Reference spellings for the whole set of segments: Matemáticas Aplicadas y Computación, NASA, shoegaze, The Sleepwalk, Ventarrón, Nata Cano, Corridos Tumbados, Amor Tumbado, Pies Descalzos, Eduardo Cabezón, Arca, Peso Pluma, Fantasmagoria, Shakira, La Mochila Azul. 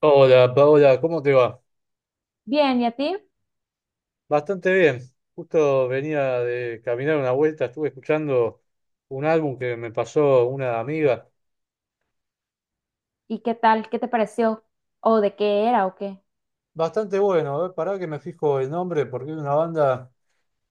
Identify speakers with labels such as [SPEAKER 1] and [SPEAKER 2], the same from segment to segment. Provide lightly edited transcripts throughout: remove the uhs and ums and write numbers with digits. [SPEAKER 1] Hola Paola, ¿cómo te va?
[SPEAKER 2] Bien, ¿y a ti?
[SPEAKER 1] Bastante bien. Justo venía de caminar una vuelta, estuve escuchando un álbum que me pasó una amiga.
[SPEAKER 2] ¿Y qué tal? ¿Qué te pareció? ¿O de qué era o qué?
[SPEAKER 1] Bastante bueno, a ver, pará que me fijo el nombre porque es una banda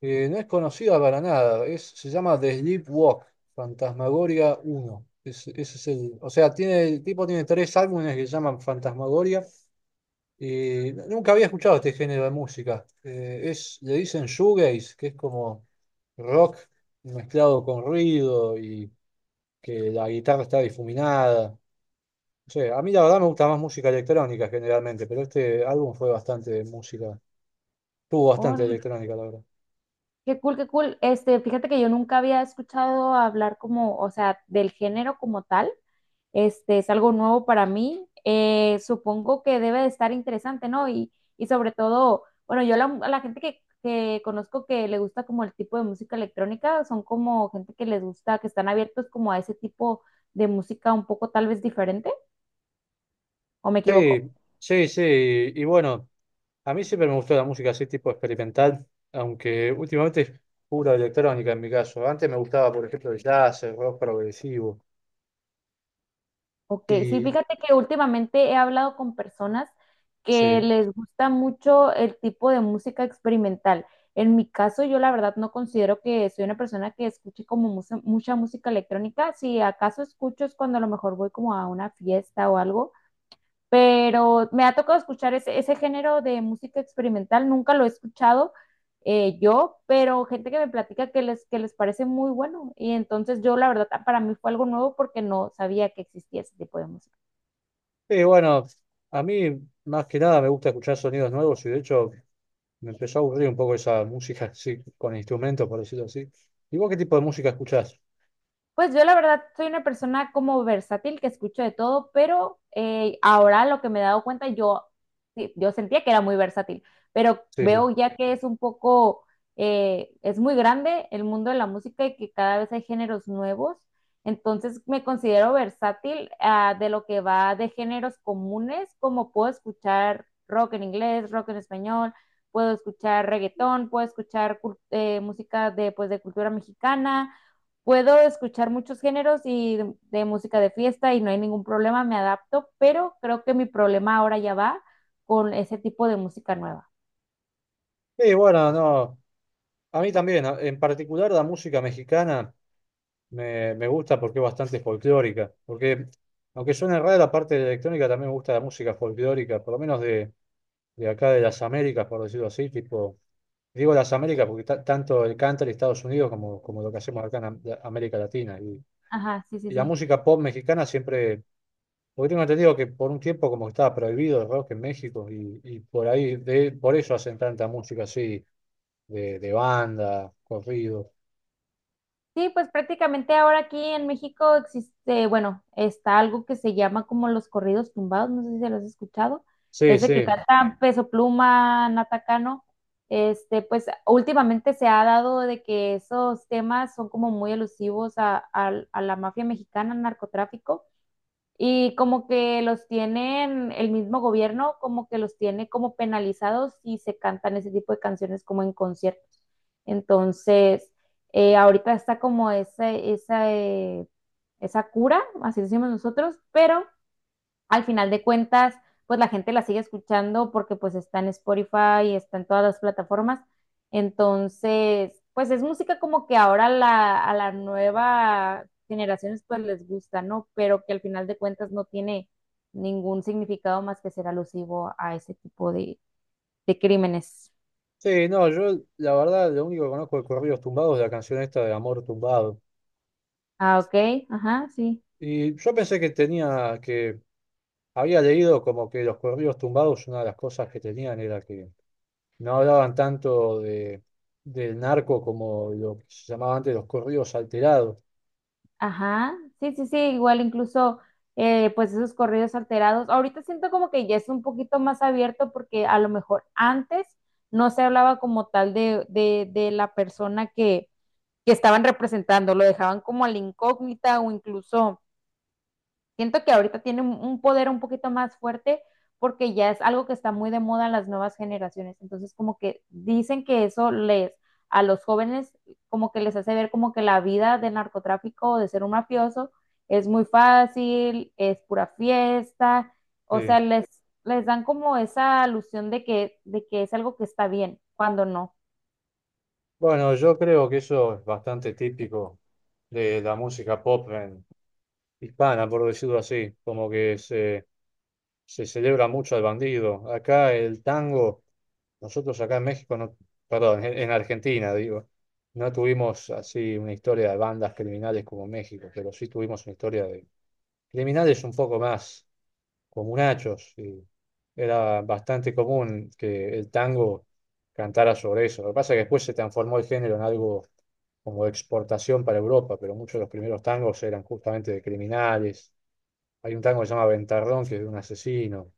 [SPEAKER 1] que no es conocida para nada. Se llama The Sleepwalk, Fantasmagoria uno. Ese es o sea, el tipo tiene tres álbumes que se llaman Fantasmagoria. Y nunca había escuchado este género de música. Le dicen shoegaze, que es como rock mezclado con ruido y que la guitarra está difuminada. No sé, a mí la verdad me gusta más música electrónica generalmente, pero este álbum fue bastante música, tuvo bastante
[SPEAKER 2] Órale,
[SPEAKER 1] electrónica, la verdad.
[SPEAKER 2] qué cool, qué cool. Fíjate que yo nunca había escuchado hablar como, o sea, del género como tal. Es algo nuevo para mí. Supongo que debe de estar interesante, ¿no? Y sobre todo, bueno, a la gente que conozco que le gusta como el tipo de música electrónica, son como gente que les gusta, que están abiertos como a ese tipo de música un poco tal vez diferente, ¿o me equivoco?
[SPEAKER 1] Sí, sí, sí, y, bueno, a mí siempre me gustó la música así tipo experimental, aunque últimamente es pura electrónica en mi caso. Antes me gustaba, por ejemplo, el jazz, el rock progresivo.
[SPEAKER 2] Ok, sí,
[SPEAKER 1] Y.
[SPEAKER 2] fíjate que últimamente he hablado con personas que
[SPEAKER 1] Sí.
[SPEAKER 2] les gusta mucho el tipo de música experimental. En mi caso, yo la verdad no considero que soy una persona que escuche como mucha, mucha música electrónica. Si acaso escucho es cuando a lo mejor voy como a una fiesta o algo, pero me ha tocado escuchar ese género de música experimental. Nunca lo he escuchado yo, pero gente que me platica que les parece muy bueno. Y entonces yo la verdad para mí fue algo nuevo porque no sabía que existía ese tipo de música.
[SPEAKER 1] Y bueno, a mí más que nada me gusta escuchar sonidos nuevos y de hecho me empezó a aburrir un poco esa música así, con instrumentos, por decirlo así. ¿Y vos qué tipo de música escuchás?
[SPEAKER 2] Pues yo la verdad soy una persona como versátil que escucho de todo, pero ahora lo que me he dado cuenta, yo, sí, yo sentía que era muy versátil, pero
[SPEAKER 1] Sí, sí.
[SPEAKER 2] veo ya que es un poco, es muy grande el mundo de la música y que cada vez hay géneros nuevos, entonces me considero versátil ah, de lo que va de géneros comunes, como puedo escuchar rock en inglés, rock en español, puedo escuchar reggaetón, puedo escuchar música pues, de cultura mexicana, puedo escuchar muchos géneros y de música de fiesta y no hay ningún problema, me adapto, pero creo que mi problema ahora ya va con ese tipo de música nueva.
[SPEAKER 1] Y bueno, no, a mí también, en particular la música mexicana. Me gusta porque es bastante folclórica. Porque, aunque suene rara la parte de la electrónica, también me gusta la música folclórica, por lo menos de, acá de las Américas, por decirlo así. Tipo, digo las Américas porque tanto el country de Estados Unidos como lo que hacemos acá en América Latina. Y,
[SPEAKER 2] Ajá, sí, sí,
[SPEAKER 1] y la
[SPEAKER 2] sí.
[SPEAKER 1] música pop mexicana siempre. Porque tengo entendido que por un tiempo como que estaba prohibido el rock en México y por ahí, por eso hacen tanta música así, de banda, corrido.
[SPEAKER 2] Sí, pues prácticamente ahora aquí en México existe, bueno, está algo que se llama como los corridos tumbados, no sé si se los has escuchado,
[SPEAKER 1] Sí,
[SPEAKER 2] ese que
[SPEAKER 1] sí.
[SPEAKER 2] cantan Peso Pluma, Nata Cano, este, pues últimamente se ha dado de que esos temas son como muy elusivos a la mafia mexicana, al narcotráfico. Y como que los tienen, el mismo gobierno como que los tiene como penalizados si se cantan ese tipo de canciones como en conciertos. Entonces, ahorita está como esa cura, así decimos nosotros, pero al final de cuentas, pues la gente la sigue escuchando porque pues está en Spotify y está en todas las plataformas. Entonces, pues es música como que ahora a las nuevas generaciones pues les gusta, ¿no? Pero que al final de cuentas no tiene ningún significado más que ser alusivo a ese tipo de crímenes.
[SPEAKER 1] Sí, no, yo la verdad lo único que conozco de Corridos Tumbados es la canción esta de Amor Tumbado.
[SPEAKER 2] Ah, ok, ajá, sí.
[SPEAKER 1] Y yo pensé que había leído como que los Corridos Tumbados, una de las cosas que tenían era que no hablaban tanto del narco como lo que se llamaba antes los corridos alterados.
[SPEAKER 2] Ajá, sí, sí, sí, igual incluso pues esos corridos alterados. Ahorita siento como que ya es un poquito más abierto porque a lo mejor antes no se hablaba como tal de la persona que estaban representando, lo dejaban como a la incógnita o incluso siento que ahorita tiene un- poder un poquito más fuerte porque ya es algo que está muy de moda en las nuevas generaciones. Entonces, como que dicen que eso les, a los jóvenes, como que les hace ver como que la vida de narcotráfico o de ser un mafioso es muy fácil, es pura fiesta. O
[SPEAKER 1] Sí.
[SPEAKER 2] sea, les dan como esa alusión de que es algo que está bien, cuando no.
[SPEAKER 1] Bueno, yo creo que eso es bastante típico de la música pop hispana, por decirlo así, como que se celebra mucho al bandido. Acá el tango. Nosotros acá en México, no, perdón, en Argentina, digo, no tuvimos así una historia de bandas criminales como México, pero sí tuvimos una historia de criminales un poco más comunachos. Y era bastante común que el tango cantara sobre eso. Lo que pasa es que después se transformó el género en algo como de exportación para Europa, pero muchos de los primeros tangos eran justamente de criminales. Hay un tango que se llama Ventarrón, que es de un asesino.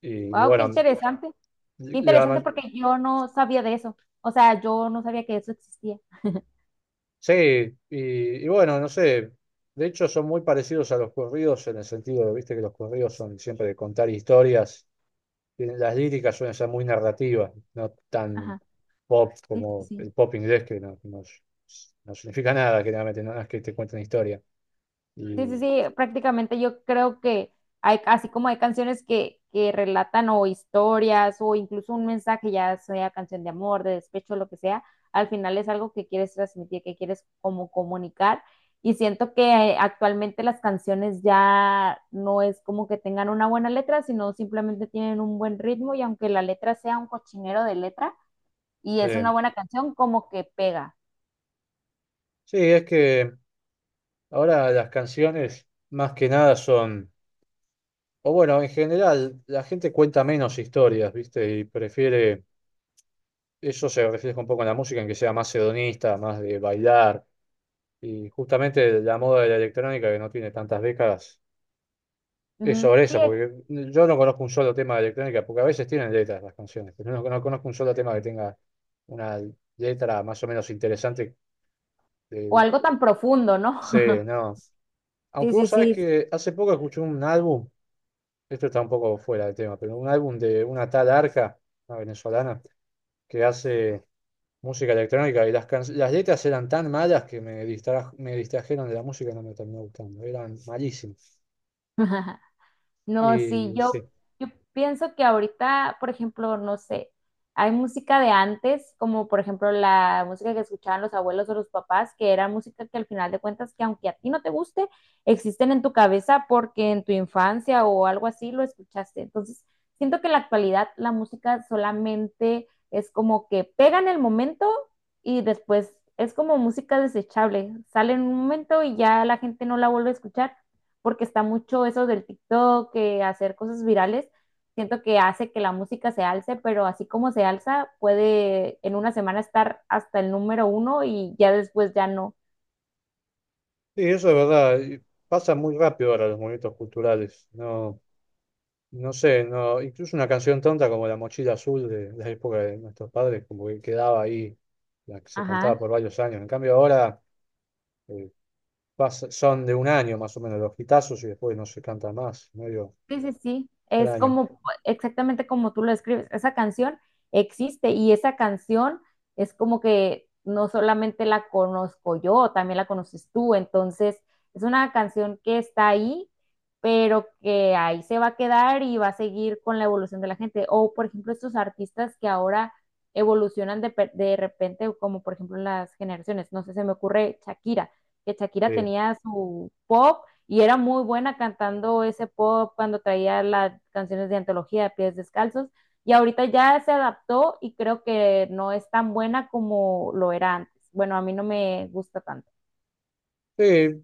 [SPEAKER 1] Y, y
[SPEAKER 2] Wow, qué
[SPEAKER 1] bueno,
[SPEAKER 2] interesante. Qué interesante
[SPEAKER 1] la,
[SPEAKER 2] porque yo no sabía de eso. O sea, yo no sabía que eso existía.
[SPEAKER 1] sí, y bueno, no sé, de hecho son muy parecidos a los corridos en el sentido de, viste, que los corridos son siempre de contar historias, las líricas suelen ser muy narrativas, no tan
[SPEAKER 2] Ajá.
[SPEAKER 1] pop
[SPEAKER 2] Sí, sí,
[SPEAKER 1] como
[SPEAKER 2] sí.
[SPEAKER 1] el pop inglés que no significa nada, generalmente, no es que te cuenten historia.
[SPEAKER 2] Sí, sí,
[SPEAKER 1] Y,
[SPEAKER 2] sí, prácticamente yo creo que hay, así como hay canciones que relatan o historias o incluso un mensaje, ya sea canción de amor, de despecho, lo que sea, al final es algo que quieres transmitir, que quieres como comunicar. Y siento que actualmente las canciones ya no es como que tengan una buena letra, sino simplemente tienen un buen ritmo y aunque la letra sea un cochinero de letra y es una
[SPEAKER 1] eh,
[SPEAKER 2] buena canción, como que pega.
[SPEAKER 1] sí, es que ahora las canciones más que nada son, o bueno, en general la gente cuenta menos historias, viste, y prefiere. Eso se refleja un poco en la música, en que sea más hedonista, más de bailar. Y justamente la moda de la electrónica, que no tiene tantas décadas, es
[SPEAKER 2] Ujú.
[SPEAKER 1] sobre
[SPEAKER 2] Sí,
[SPEAKER 1] eso, porque yo no conozco un solo tema de electrónica, porque a veces tienen letras las canciones, pero no conozco un solo tema que tenga una letra más o menos interesante.
[SPEAKER 2] o
[SPEAKER 1] eh,
[SPEAKER 2] algo tan profundo, ¿no?
[SPEAKER 1] sí, no.
[SPEAKER 2] Sí,
[SPEAKER 1] Aunque
[SPEAKER 2] sí,
[SPEAKER 1] vos sabés
[SPEAKER 2] sí.
[SPEAKER 1] que hace poco escuché un álbum, esto está un poco fuera del tema, pero un álbum de una tal Arca, una venezolana, que hace música electrónica y las letras eran tan malas que me distrajeron de la música y no me terminó gustando, eran malísimas.
[SPEAKER 2] No, sí,
[SPEAKER 1] Y
[SPEAKER 2] yo,
[SPEAKER 1] sí,
[SPEAKER 2] yo pienso que ahorita, por ejemplo, no sé, hay música de antes, como por ejemplo la música que escuchaban los abuelos o los papás, que era música que al final de cuentas, que aunque a ti no te guste, existen en tu cabeza porque en tu infancia o algo así lo escuchaste. Entonces, siento que en la actualidad la música solamente es como que pega en el momento y después es como música desechable, sale en un momento y ya la gente no la vuelve a escuchar porque está mucho eso del TikTok, que hacer cosas virales, siento que hace que la música se alce, pero así como se alza, puede en una semana estar hasta el número 1 y ya después ya no.
[SPEAKER 1] y eso es verdad, y pasa muy rápido ahora los movimientos culturales, no, no sé, no, incluso una canción tonta como La Mochila Azul de la época de nuestros padres, como que quedaba ahí, la que se cantaba
[SPEAKER 2] Ajá.
[SPEAKER 1] por varios años, en cambio ahora eh, son de un año más o menos los hitazos y después no se canta más, medio
[SPEAKER 2] Sí, sí, sí, es
[SPEAKER 1] extraño.
[SPEAKER 2] como exactamente como tú lo escribes. Esa canción existe y esa canción es como que no solamente la conozco yo, también la conoces tú. Entonces, es una canción que está ahí, pero que ahí se va a quedar y va a seguir con la evolución de la gente. O, por ejemplo, estos artistas que ahora evolucionan de, pe- de repente, como por ejemplo las generaciones. No sé, se me ocurre Shakira, que
[SPEAKER 1] Sí.
[SPEAKER 2] Shakira tenía su pop y era muy buena cantando ese pop cuando traía las canciones de antología de Pies Descalzos y ahorita ya se adaptó y creo que no es tan buena como lo era antes. Bueno, a mí no me gusta tanto.
[SPEAKER 1] Sí,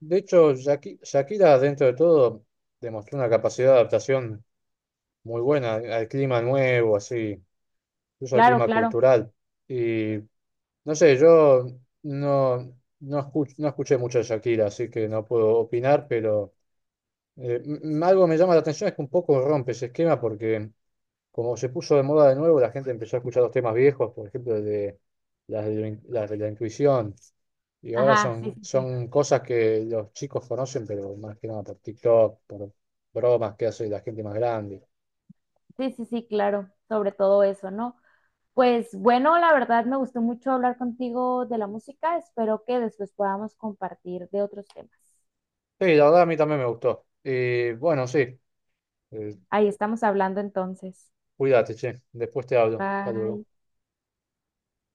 [SPEAKER 1] de hecho, Shakira, dentro de todo, demostró una capacidad de adaptación muy buena al clima nuevo, así, incluso al
[SPEAKER 2] Claro,
[SPEAKER 1] clima
[SPEAKER 2] claro.
[SPEAKER 1] cultural. Y no sé, yo no, no, escuch- no escuché mucho de Shakira, así que no puedo opinar, pero algo me llama la atención es que un poco rompe ese esquema porque como se puso de moda de nuevo, la gente empezó a escuchar los temas viejos, por ejemplo, el de, las de la intuición. Y ahora
[SPEAKER 2] Ajá, sí,
[SPEAKER 1] son,
[SPEAKER 2] sí, sí.
[SPEAKER 1] son cosas que los chicos conocen, pero más que nada por TikTok, por bromas que hace la gente más grande.
[SPEAKER 2] Sí, sí, sí, claro. Sobre todo eso, ¿no? Pues bueno, la verdad me gustó mucho hablar contigo de la música. Espero que después podamos compartir de otros temas.
[SPEAKER 1] Sí, la verdad a mí también me gustó. Y bueno, sí, eh,
[SPEAKER 2] Ahí estamos hablando entonces.
[SPEAKER 1] cuídate, che. Después te hablo. Hasta luego.
[SPEAKER 2] Bye.